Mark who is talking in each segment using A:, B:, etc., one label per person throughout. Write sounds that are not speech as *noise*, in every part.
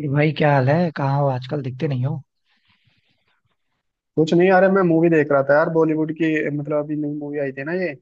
A: ये भाई, क्या हाल है? कहाँ हो? आजकल दिखते नहीं हो।
B: कुछ नहीं यार मैं मूवी देख रहा था यार बॉलीवुड की। मतलब अभी नई मूवी आई थी ना, ये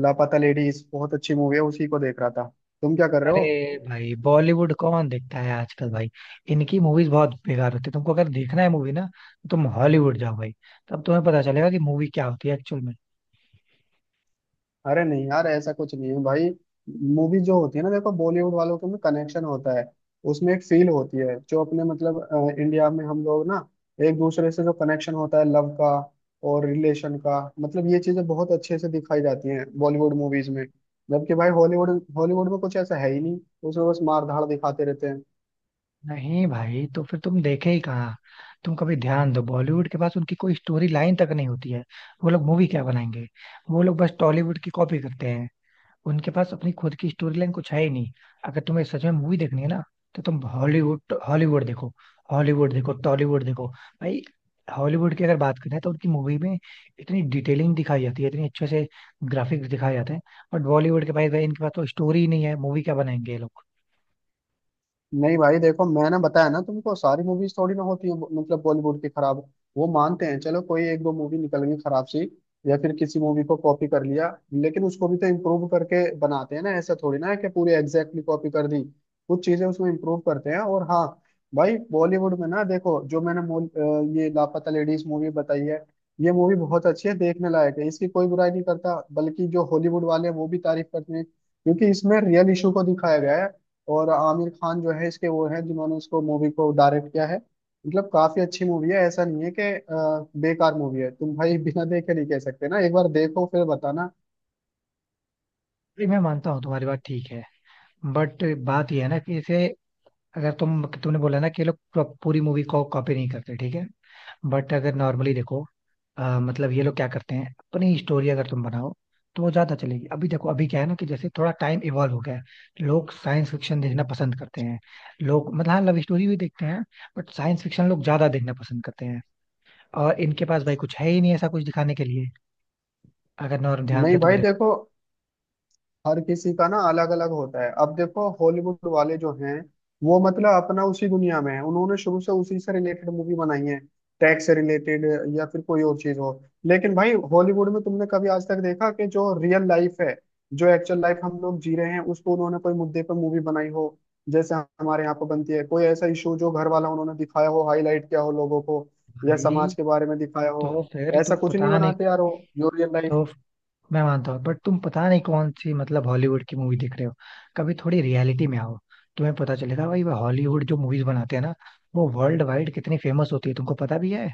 B: लापता लेडीज बहुत अच्छी मूवी है, उसी को देख रहा था। तुम क्या कर रहे
A: अरे
B: हो?
A: भाई, बॉलीवुड कौन देखता है आजकल भाई! इनकी मूवीज बहुत बेकार होती है। तुमको अगर देखना है मूवी ना, तो तुम हॉलीवुड जाओ भाई। तब तुम्हें पता चलेगा कि मूवी क्या होती है एक्चुअल में।
B: अरे नहीं यार, ऐसा कुछ नहीं है भाई। मूवी जो होती है ना, देखो बॉलीवुड वालों के में कनेक्शन होता है। उसमें एक फील होती है जो अपने मतलब इंडिया में हम लोग ना एक दूसरे से जो कनेक्शन होता है लव का और रिलेशन का, मतलब ये चीजें बहुत अच्छे से दिखाई जाती हैं बॉलीवुड मूवीज में। जबकि भाई हॉलीवुड हॉलीवुड में कुछ ऐसा है ही नहीं। उसमें बस मार धाड़ दिखाते रहते हैं।
A: नहीं भाई, तो फिर तुम देखे ही कहाँ? तुम कभी ध्यान दो, बॉलीवुड के पास उनकी कोई स्टोरी लाइन तक नहीं होती है। वो लोग मूवी क्या बनाएंगे? वो लोग बस टॉलीवुड की कॉपी करते हैं। उनके पास अपनी खुद की स्टोरी लाइन कुछ है ही नहीं। अगर तुम्हें सच में मूवी देखनी है ना, तो तुम हॉलीवुड हॉलीवुड देखो। हॉलीवुड देखो, टॉलीवुड देखो भाई। हॉलीवुड की अगर बात करें तो उनकी मूवी में इतनी डिटेलिंग दिखाई जाती है, इतनी अच्छे से ग्राफिक्स दिखाए जाते हैं। बट बॉलीवुड के भाई भाई, इनके पास तो स्टोरी ही नहीं है, मूवी क्या बनाएंगे ये लोग?
B: नहीं भाई देखो, मैंने बताया ना तुमको, सारी मूवीज थोड़ी ना होती है मतलब बॉलीवुड की खराब। वो मानते हैं, चलो कोई एक दो मूवी निकल गई खराब सी या फिर किसी मूवी को कॉपी कर लिया, लेकिन उसको भी तो इम्प्रूव करके बनाते हैं ना, ऐसा थोड़ी ना है कि पूरी एग्जैक्टली कॉपी कर दी। कुछ चीजें उसमें इम्प्रूव करते हैं। और हाँ भाई, बॉलीवुड में ना देखो, जो मैंने ये लापता लेडीज मूवी बताई है, ये मूवी बहुत अच्छी है, देखने लायक है, इसकी कोई बुराई नहीं करता, बल्कि जो हॉलीवुड वाले हैं वो भी तारीफ करते हैं, क्योंकि इसमें रियल इशू को दिखाया गया है। और आमिर खान जो है इसके, वो हैं जिन्होंने इसको मूवी को डायरेक्ट किया है। मतलब काफी अच्छी मूवी है, ऐसा नहीं है कि बेकार मूवी है। तुम भाई बिना देखे नहीं कह सकते ना, एक बार देखो फिर बताना।
A: भाई मैं मानता हूँ तुम्हारी बात ठीक है। बट बात यह है ना कि जैसे, अगर तुमने बोला ना कि ये लोग पूरी मूवी को कॉपी नहीं करते, ठीक है। बट अगर नॉर्मली देखो, मतलब ये लोग क्या करते हैं, अपनी स्टोरी अगर तुम बनाओ, तो वो ज्यादा चलेगी। अभी देखो, अभी क्या है ना कि जैसे थोड़ा टाइम इवॉल्व हो गया है, लोग साइंस फिक्शन देखना पसंद करते हैं। लोग मतलब, हाँ, लव स्टोरी भी देखते हैं। बट साइंस फिक्शन लोग ज्यादा देखना पसंद करते हैं। और इनके पास भाई कुछ है ही नहीं ऐसा कुछ दिखाने के लिए। अगर नॉर्म ध्यान
B: नहीं
A: से तुम
B: भाई
A: देखो।
B: देखो, हर किसी का ना अलग अलग होता है। अब देखो हॉलीवुड वाले जो हैं, वो मतलब अपना उसी दुनिया में है, उन्होंने शुरू से उसी से रिलेटेड मूवी बनाई है, टैक्स से रिलेटेड या फिर कोई और चीज हो। लेकिन भाई हॉलीवुड में तुमने कभी आज तक देखा कि जो रियल लाइफ है, जो एक्चुअल लाइफ हम लोग जी रहे हैं, उसको उन्होंने कोई मुद्दे पर मूवी बनाई हो जैसे हमारे यहाँ पर बनती है? कोई ऐसा इशू जो घर वाला उन्होंने दिखाया हो, हाईलाइट किया हो लोगों को, या
A: भाई
B: समाज के बारे में दिखाया हो?
A: तो फिर
B: ऐसा
A: तुम
B: कुछ नहीं
A: पता नहीं।
B: बनाते यार वो, जो रियल लाइफ।
A: तो मैं मानता हूँ बट तुम पता नहीं कौन सी, मतलब हॉलीवुड की मूवी देख रहे हो। कभी थोड़ी रियलिटी में आओ। तुम्हें पता चलेगा भाई, हॉलीवुड जो मूवीज बनाते हैं ना, वो वर्ल्ड वाइड कितनी फेमस होती है, तुमको पता भी है?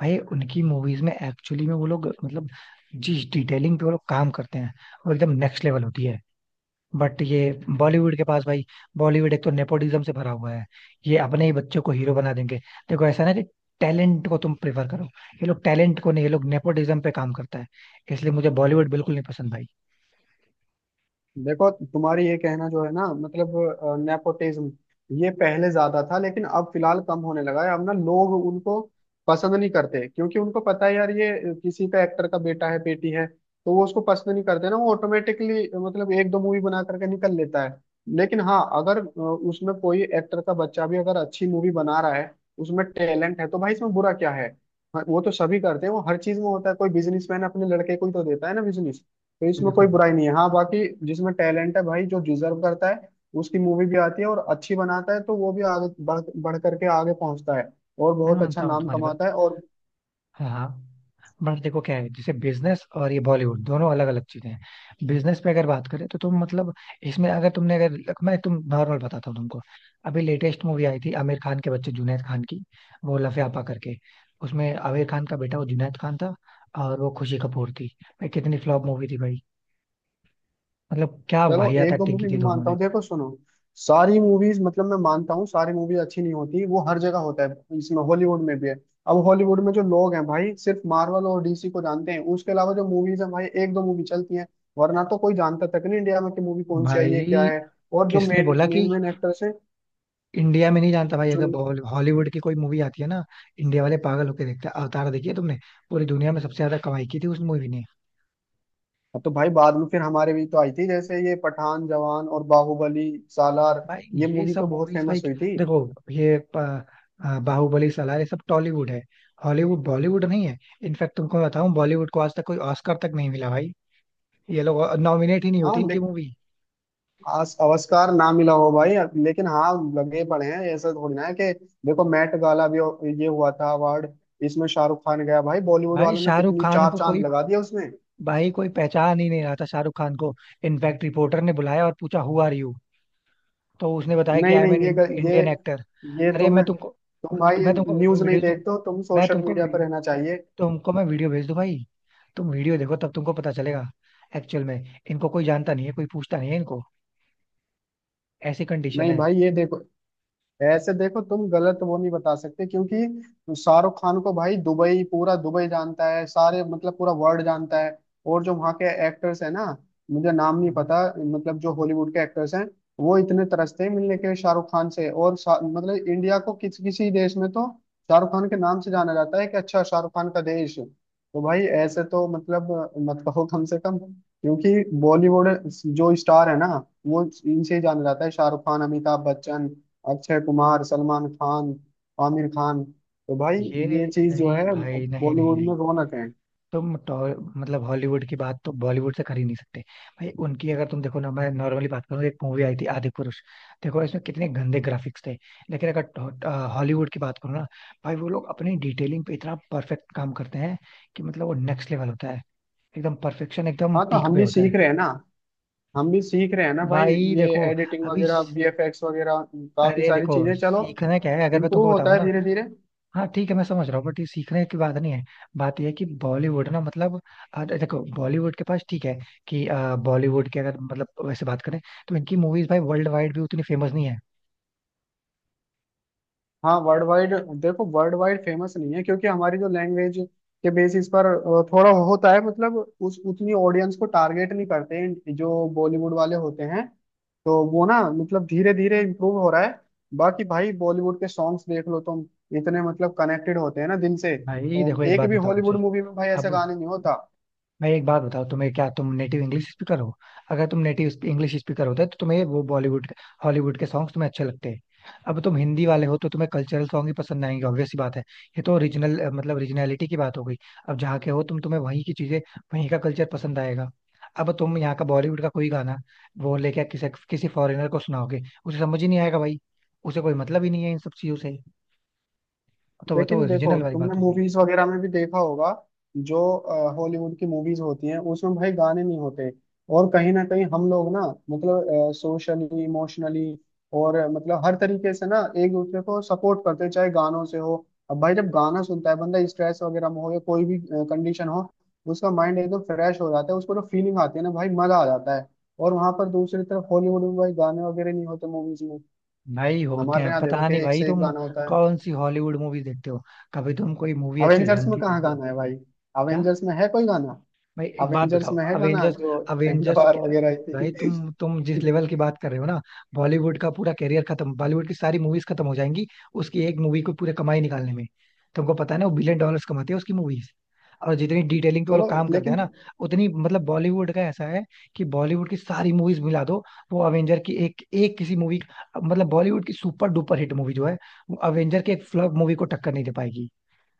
A: भाई उनकी मूवीज में एक्चुअली में वो लोग मतलब, जिस डिटेलिंग पे वो लोग काम करते हैं, वो एकदम नेक्स्ट लेवल होती है। बट ये बॉलीवुड के पास भाई, बॉलीवुड एक तो नेपोटिज्म से भरा हुआ है। ये अपने ही बच्चों को हीरो बना देंगे। देखो ऐसा ना कि टैलेंट को तुम प्रेफर करो। ये लोग टैलेंट को नहीं, ये लोग नेपोटिज्म पे काम करता है। इसलिए मुझे बॉलीवुड बिल्कुल नहीं पसंद भाई।
B: देखो तुम्हारी ये कहना जो है ना, मतलब नेपोटिज्म, ये पहले ज्यादा था लेकिन अब फिलहाल कम होने लगा है। अब ना लोग उनको पसंद नहीं करते, क्योंकि उनको पता है यार, ये किसी का एक्टर का बेटा है, बेटी है, तो वो उसको पसंद नहीं करते ना, वो ऑटोमेटिकली मतलब एक दो मूवी बना करके निकल लेता है। लेकिन हाँ अगर उसमें कोई एक्टर का बच्चा भी अगर अच्छी मूवी बना रहा है, उसमें टैलेंट है, तो भाई इसमें बुरा क्या है। हाँ, वो तो सभी करते हैं, वो हर चीज में होता है, कोई बिजनेसमैन अपने लड़के को ही तो देता है ना बिजनेस। तो
A: ये
B: इसमें कोई
A: देखो,
B: बुराई नहीं है, हाँ बाकी जिसमें टैलेंट है भाई, जो डिजर्व करता है, उसकी मूवी भी आती है और अच्छी बनाता है, तो वो भी आगे बढ़ बढ़ करके आगे पहुंचता है और
A: मैं
B: बहुत अच्छा
A: मानता हूँ
B: नाम
A: तुम्हारी बात।
B: कमाता है। और
A: हाँ, हाँ। बट देखो क्या है, जैसे बिजनेस और ये बॉलीवुड दोनों अलग अलग चीजें हैं। बिजनेस पे अगर बात करें तो तुम मतलब इसमें अगर तुमने अगर, मैं तुम नॉर्मल बताता हूँ तुमको। अभी लेटेस्ट मूवी आई थी आमिर खान के बच्चे जुनैद खान की। वो लफ यापा करके, उसमें आमिर खान का बेटा वो जुनैद खान था, और वो खुशी कपूर थी। भाई कितनी फ्लॉप मूवी थी भाई! मतलब क्या
B: चलो,
A: वाहियात
B: एक दो
A: एक्टिंग की
B: मूवी
A: थी दोनों
B: मानता
A: ने!
B: हूँ, देखो सुनो, सारी मूवीज मतलब, मैं मानता हूँ सारी मूवी अच्छी नहीं होती, वो हर जगह होता है, इसमें हॉलीवुड में भी है। अब हॉलीवुड में जो लोग हैं भाई, सिर्फ मार्वल और डीसी को जानते हैं, उसके अलावा जो मूवीज हैं भाई, एक दो मूवी चलती हैं, वरना तो कोई जानता तक नहीं इंडिया में कि मूवी कौन सी आई है, क्या
A: भाई
B: है। और जो
A: किसने
B: मेन
A: बोला कि
B: मेन मेन एक्टर्स हैं
A: इंडिया में नहीं जानता? भाई
B: जो,
A: अगर हॉलीवुड की कोई मूवी आती है ना, इंडिया वाले पागल होके देखते हैं। अवतार देखी है तुमने? पूरी दुनिया में सबसे ज्यादा कमाई की थी उस मूवी ने।
B: हाँ, तो भाई बाद में फिर हमारे भी तो आई थी जैसे, ये पठान, जवान और बाहुबली, सालार,
A: भाई
B: ये
A: ये
B: मूवी
A: सब
B: तो बहुत
A: मूवीज भाई,
B: फेमस हुई थी।
A: देखो ये बाहुबली, सलार, ये सब टॉलीवुड है, हॉलीवुड बॉलीवुड नहीं है। इनफैक्ट तुमको मैं बताऊं, बॉलीवुड को आज तक कोई ऑस्कर तक नहीं मिला भाई। ये लोग नॉमिनेट ही नहीं
B: हाँ
A: होती इनकी
B: लेकिन
A: मूवी।
B: आस आविष्कार ना मिला हो भाई, लेकिन हाँ, लगे पड़े हैं, ऐसा थोड़ी ना है कि देखो मैट ये हुआ था अवार्ड, इसमें शाहरुख खान गया भाई, बॉलीवुड
A: भाई
B: वालों ने
A: शाहरुख
B: कितनी
A: खान
B: चार
A: को
B: चांद
A: कोई,
B: लगा दिया उसमें।
A: भाई कोई पहचान ही नहीं रहा था शाहरुख खान को। इनफैक्ट रिपोर्टर ने बुलाया और पूछा हु आर यू, तो उसने बताया कि
B: नहीं
A: आई एम
B: नहीं,
A: एन
B: ये
A: इंडियन एक्टर।
B: ये
A: अरे
B: तो
A: मैं
B: मैं
A: तुमको
B: तुम भाई,
A: मैं तुमको वीडियो
B: न्यूज नहीं
A: वीडियो दूँ।
B: देखते हो तुम,
A: मैं
B: सोशल
A: तुमको
B: मीडिया पर
A: वीडियो,
B: रहना चाहिए।
A: तुमको मैं वीडियो भेज दूँ भाई। तुम वीडियो देखो तब तुमको पता चलेगा। एक्चुअल में इनको कोई जानता नहीं है, कोई पूछता नहीं है इनको, ऐसी कंडीशन
B: नहीं
A: है।
B: भाई ये देखो, ऐसे देखो तुम गलत वो नहीं बता सकते, क्योंकि शाहरुख खान को भाई, दुबई, पूरा दुबई जानता है, सारे मतलब पूरा वर्ल्ड जानता है। और जो वहाँ के एक्टर्स हैं ना, मुझे नाम
A: हम्म,
B: नहीं
A: हम्म।
B: पता, मतलब जो हॉलीवुड के एक्टर्स हैं, वो इतने तरसते हैं मिलने के लिए शाहरुख खान से, और मतलब इंडिया को किसी किसी देश में तो शाहरुख खान के नाम से जाना जाता है, कि अच्छा, शाहरुख खान का देश, तो भाई ऐसे तो मतलब मत कहो कम से कम। क्योंकि बॉलीवुड जो स्टार है ना, वो इनसे ही जाना जाता है, शाहरुख खान, अमिताभ बच्चन, अक्षय कुमार, सलमान खान, आमिर खान, तो भाई
A: ये,
B: ये चीज जो
A: नहीं
B: है
A: भाई, नहीं, नहीं,
B: बॉलीवुड
A: नहीं,
B: में, रौनक है।
A: तुम मतलब हॉलीवुड की बात तो बॉलीवुड से कर ही नहीं सकते। भाई उनकी अगर तुम देखो ना, मैं नॉर्मली बात करूँ, एक मूवी आई थी आदि पुरुष। देखो इसमें कितने गंदे ग्राफिक्स थे। लेकिन अगर हॉलीवुड की बात करूँ ना, भाई वो लोग अपनी डिटेलिंग पे इतना परफेक्ट काम करते हैं कि मतलब वो नेक्स्ट लेवल होता है। एकदम परफेक्शन, एकदम
B: हाँ तो
A: पीक
B: हम
A: पे
B: भी
A: होता है।
B: सीख रहे हैं ना, हम भी सीख रहे हैं ना भाई,
A: भाई
B: ये
A: देखो
B: एडिटिंग
A: अभी
B: वगैरह, वीएफएक्स वगैरह, काफी
A: अरे
B: सारी
A: देखो
B: चीजें, चलो,
A: सीखना क्या है? अगर मैं तुमको
B: इम्प्रूव होता
A: बताऊं
B: है
A: ना।
B: धीरे धीरे।
A: हाँ ठीक है, मैं समझ रहा हूँ बट ये सीखने की बात नहीं है। बात ये है कि बॉलीवुड ना मतलब देखो बॉलीवुड के पास ठीक है कि बॉलीवुड के अगर मतलब वैसे बात करें तो इनकी मूवीज भाई वर्ल्ड वाइड भी उतनी फेमस नहीं है।
B: हाँ वर्ल्ड वाइड, देखो वर्ल्ड वाइड फेमस नहीं है, क्योंकि हमारी जो लैंग्वेज के बेसिस पर थोड़ा होता है मतलब, उस उतनी ऑडियंस को टारगेट नहीं करते हैं जो बॉलीवुड वाले होते हैं। तो वो ना मतलब धीरे धीरे इम्प्रूव हो रहा है, बाकी भाई बॉलीवुड के सॉन्ग्स देख लो तुम, इतने मतलब कनेक्टेड होते हैं ना दिल से,
A: भाई
B: तो
A: देखो, एक
B: एक
A: बात
B: भी
A: बताओ
B: हॉलीवुड
A: मुझे।
B: मूवी में भाई ऐसा
A: अब
B: गाने नहीं होता।
A: मैं एक बात बताओ तुम्हें, क्या तुम नेटिव इंग्लिश स्पीकर हो? अगर तुम नेटिव इंग्लिश स्पीकर होते तो तुम्हें वो बॉलीवुड हॉलीवुड के सॉन्ग्स तुम्हें अच्छे लगते। अब तुम हिंदी वाले हो तो तुम्हें कल्चरल सॉन्ग ही पसंद आएंगे, ऑब्वियस सी बात है। ये तो ओरिजिनल मतलब ओरिजिनलिटी की बात हो गई। अब जहाँ के हो तुम, तुम्हें वहीं की चीजें, वहीं का कल्चर पसंद आएगा। अब तुम यहाँ का बॉलीवुड का कोई गाना वो लेके किसी किसी फॉरेनर को सुनाओगे, उसे समझ ही नहीं आएगा भाई। उसे कोई मतलब ही नहीं है इन सब चीजों से। तो वो तो
B: लेकिन देखो,
A: ओरिजिनल वाली
B: तुमने
A: बात हो गई।
B: मूवीज वगैरह में भी देखा होगा, जो हॉलीवुड की मूवीज होती हैं उसमें भाई गाने नहीं होते, और कहीं ना कहीं हम लोग ना मतलब सोशली, इमोशनली और मतलब हर तरीके से ना एक दूसरे को सपोर्ट करते हैं, चाहे गानों से हो। अब भाई, जब गाना सुनता है बंदा, स्ट्रेस वगैरह में हो या कोई भी कंडीशन हो, उसका माइंड एकदम फ्रेश हो जाता है, उसको जो फीलिंग आती है ना भाई, मजा आ जाता है। और वहां पर दूसरी तरफ हॉलीवुड में भाई गाने वगैरह नहीं होते मूवीज में,
A: भाई होते
B: हमारे
A: हैं,
B: यहाँ देखो
A: पता
B: कि
A: नहीं
B: एक
A: भाई
B: से एक
A: तुम
B: गाना होता है।
A: कौन सी हॉलीवुड मूवी देखते हो। कभी तुम कोई मूवी अच्छी
B: अवेंजर्स
A: ढंग
B: में
A: की
B: कहाँ
A: देखो।
B: गाना है भाई?
A: क्या?
B: अवेंजर्स में है कोई गाना?
A: भाई एक बात
B: अवेंजर्स
A: बताओ,
B: में है गाना
A: अवेंजर्स,
B: जो एंड
A: अवेंजर्स
B: वार वगैरह आई
A: भाई, तुम
B: थी?
A: तुम जिस लेवल की बात कर रहे हो ना, बॉलीवुड का पूरा कैरियर खत्म, बॉलीवुड की सारी मूवीज खत्म हो जाएंगी उसकी एक मूवी को पूरे कमाई निकालने में। तुमको पता है ना, वो बिलियन डॉलर्स कमाती है उसकी मूवीज। और जितनी डिटेलिंग पे वो
B: चलो
A: लोग काम करते हैं
B: लेकिन
A: ना, उतनी मतलब बॉलीवुड का ऐसा है कि बॉलीवुड की सारी मूवीज मिला दो, वो अवेंजर की एक एक किसी मूवी, मतलब बॉलीवुड की सुपर डुपर हिट मूवी जो है, वो अवेंजर के एक फ्लॉप मूवी को टक्कर नहीं दे पाएगी।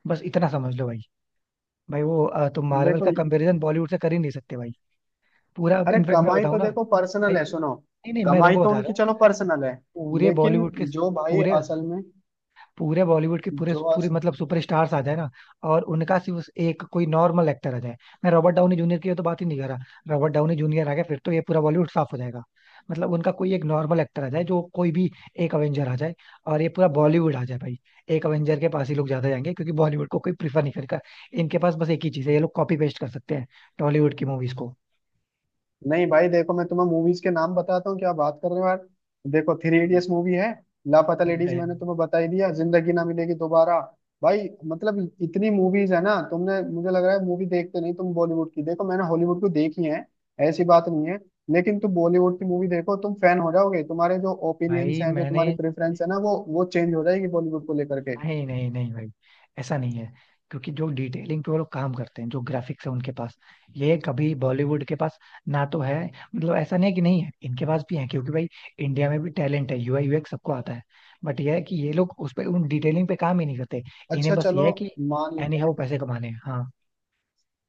A: बस इतना समझ लो भाई। भाई वो तुम मार्वल
B: देखो,
A: का कंपैरिजन बॉलीवुड से कर ही नहीं सकते भाई। पूरा
B: अरे
A: इनफेक्ट मैं
B: कमाई
A: बताऊं
B: तो
A: ना।
B: देखो
A: भाई,
B: पर्सनल है, सुनो,
A: नहीं, नहीं, मैं
B: कमाई
A: तुमको
B: तो
A: बता
B: उनकी
A: रहा हूँ।
B: चलो पर्सनल है,
A: पूरे
B: लेकिन
A: बॉलीवुड के
B: जो भाई
A: पूरे
B: असल में
A: पूरे बॉलीवुड के पूरे
B: जो
A: पूरे
B: अस,
A: मतलब सुपरस्टार्स आ जाए ना। और उनका सिर्फ एक कोई नॉर्मल एक्टर आ जाए। मैं रॉबर्ट डाउनी जूनियर की तो बात ही नहीं कर रहा। रॉबर्ट डाउनी जूनियर आ गया फिर तो ये पूरा बॉलीवुड साफ हो जाएगा। मतलब उनका कोई एक नॉर्मल एक्टर आ जाए जो कोई भी, एक अवेंजर आ जाए और ये पूरा बॉलीवुड आ जाए भाई। एक अवेंजर के पास ही लोग ज्यादा जाएंगे क्योंकि बॉलीवुड को कोई प्रीफर नहीं करेगा। इनके पास बस एक ही चीज है, ये लोग कॉपी पेस्ट कर सकते हैं टॉलीवुड की मूवीज को।
B: नहीं भाई देखो, मैं तुम्हें मूवीज के नाम बताता हूँ, क्या बात कर रहे हो यार। देखो, थ्री
A: हम्म,
B: इडियट्स मूवी है, लापता लेडीज
A: है।
B: मैंने तुम्हें बता ही दिया, जिंदगी ना मिलेगी दोबारा। भाई मतलब इतनी मूवीज है ना, तुमने मुझे लग रहा है मूवी देखते नहीं तुम बॉलीवुड की, देखो मैंने हॉलीवुड को देखी है, ऐसी बात नहीं है, लेकिन तुम बॉलीवुड की मूवी देखो, तुम फैन हो जाओगे, तुम्हारे जो ओपिनियंस
A: भाई
B: हैं, जो
A: मैंने,
B: तुम्हारी प्रेफरेंस है ना, वो चेंज हो जाएगी बॉलीवुड को लेकर के।
A: नहीं, नहीं, नहीं भाई, ऐसा नहीं है। क्योंकि जो डिटेलिंग पे वो लोग काम करते हैं, जो ग्राफिक्स है उनके पास, ये कभी बॉलीवुड के पास ना तो है। मतलब ऐसा नहीं है कि नहीं है, इनके पास भी है क्योंकि भाई इंडिया में भी टैलेंट है, यूआई यूएक्स सबको आता है। बट ये है कि ये लोग उस पे उन डिटेलिंग पे काम ही नहीं करते। इन्हें
B: अच्छा
A: बस ये
B: चलो,
A: है कि
B: मान
A: एनी
B: लेते
A: हाउ
B: हैं,
A: पैसे कमाने हैं। हाँ,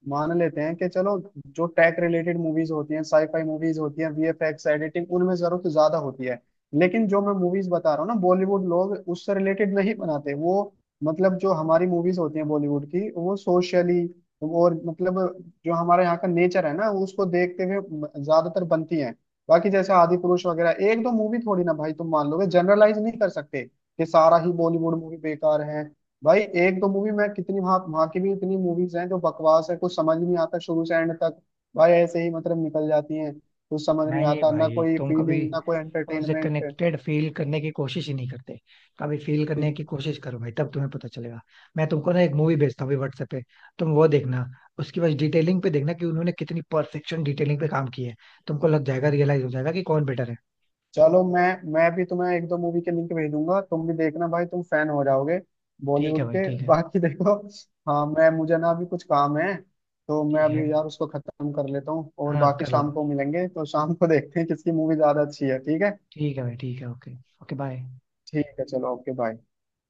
B: मान लेते हैं कि चलो, जो टेक रिलेटेड मूवीज होती हैं, साईफाई मूवीज होती हैं, वीएफएक्स एडिटिंग उनमें जरूरत ज्यादा होती है। लेकिन जो मैं मूवीज बता रहा हूँ ना, बॉलीवुड लोग उससे रिलेटेड नहीं बनाते वो, मतलब जो हमारी मूवीज होती हैं बॉलीवुड की, वो सोशली और मतलब, जो हमारे यहाँ का नेचर है ना, उसको देखते हुए ज्यादातर बनती हैं। बाकी जैसे आदि पुरुष वगैरह एक दो मूवी, थोड़ी ना भाई तुम मान लोगे, जनरलाइज नहीं कर सकते कि सारा ही बॉलीवुड मूवी बेकार है। भाई एक दो मूवी, मैं कितनी वहां वहां की भी इतनी मूवीज हैं जो बकवास है, कुछ समझ नहीं आता शुरू से एंड तक, भाई ऐसे ही मतलब निकल जाती हैं, कुछ समझ नहीं
A: नहीं
B: आता, ना
A: भाई,
B: कोई
A: तुम कभी
B: फीलिंग, ना कोई
A: उनसे
B: एंटरटेनमेंट।
A: कनेक्टेड फील करने की कोशिश ही नहीं करते। कभी फील करने की कोशिश करो भाई, तब तुम्हें पता चलेगा। मैं तुमको ना एक मूवी भेजता हूँ अभी व्हाट्सएप पे, तुम वो देखना। उसकी बस डिटेलिंग पे देखना कि उन्होंने कितनी परफेक्शन डिटेलिंग पे काम की है। तुमको लग जाएगा, रियलाइज हो जाएगा कि कौन बेटर है।
B: चलो मैं भी तुम्हें एक दो मूवी के लिंक भेजूंगा, तुम भी देखना भाई, तुम फैन हो जाओगे
A: ठीक है
B: बॉलीवुड
A: भाई,
B: के
A: ठीक
B: *laughs*
A: है।
B: बाकी देखो। हाँ मैं, मुझे ना अभी कुछ काम है, तो मैं
A: ठीक है,
B: अभी यार उसको खत्म कर लेता हूँ, और
A: हाँ
B: बाकी
A: कर लो।
B: शाम को मिलेंगे, तो शाम को देखते हैं किसकी मूवी ज्यादा अच्छी है, ठीक है।
A: ठीक है भाई, ठीक है, ओके। Okay bye.
B: ठीक है चलो, ओके बाय।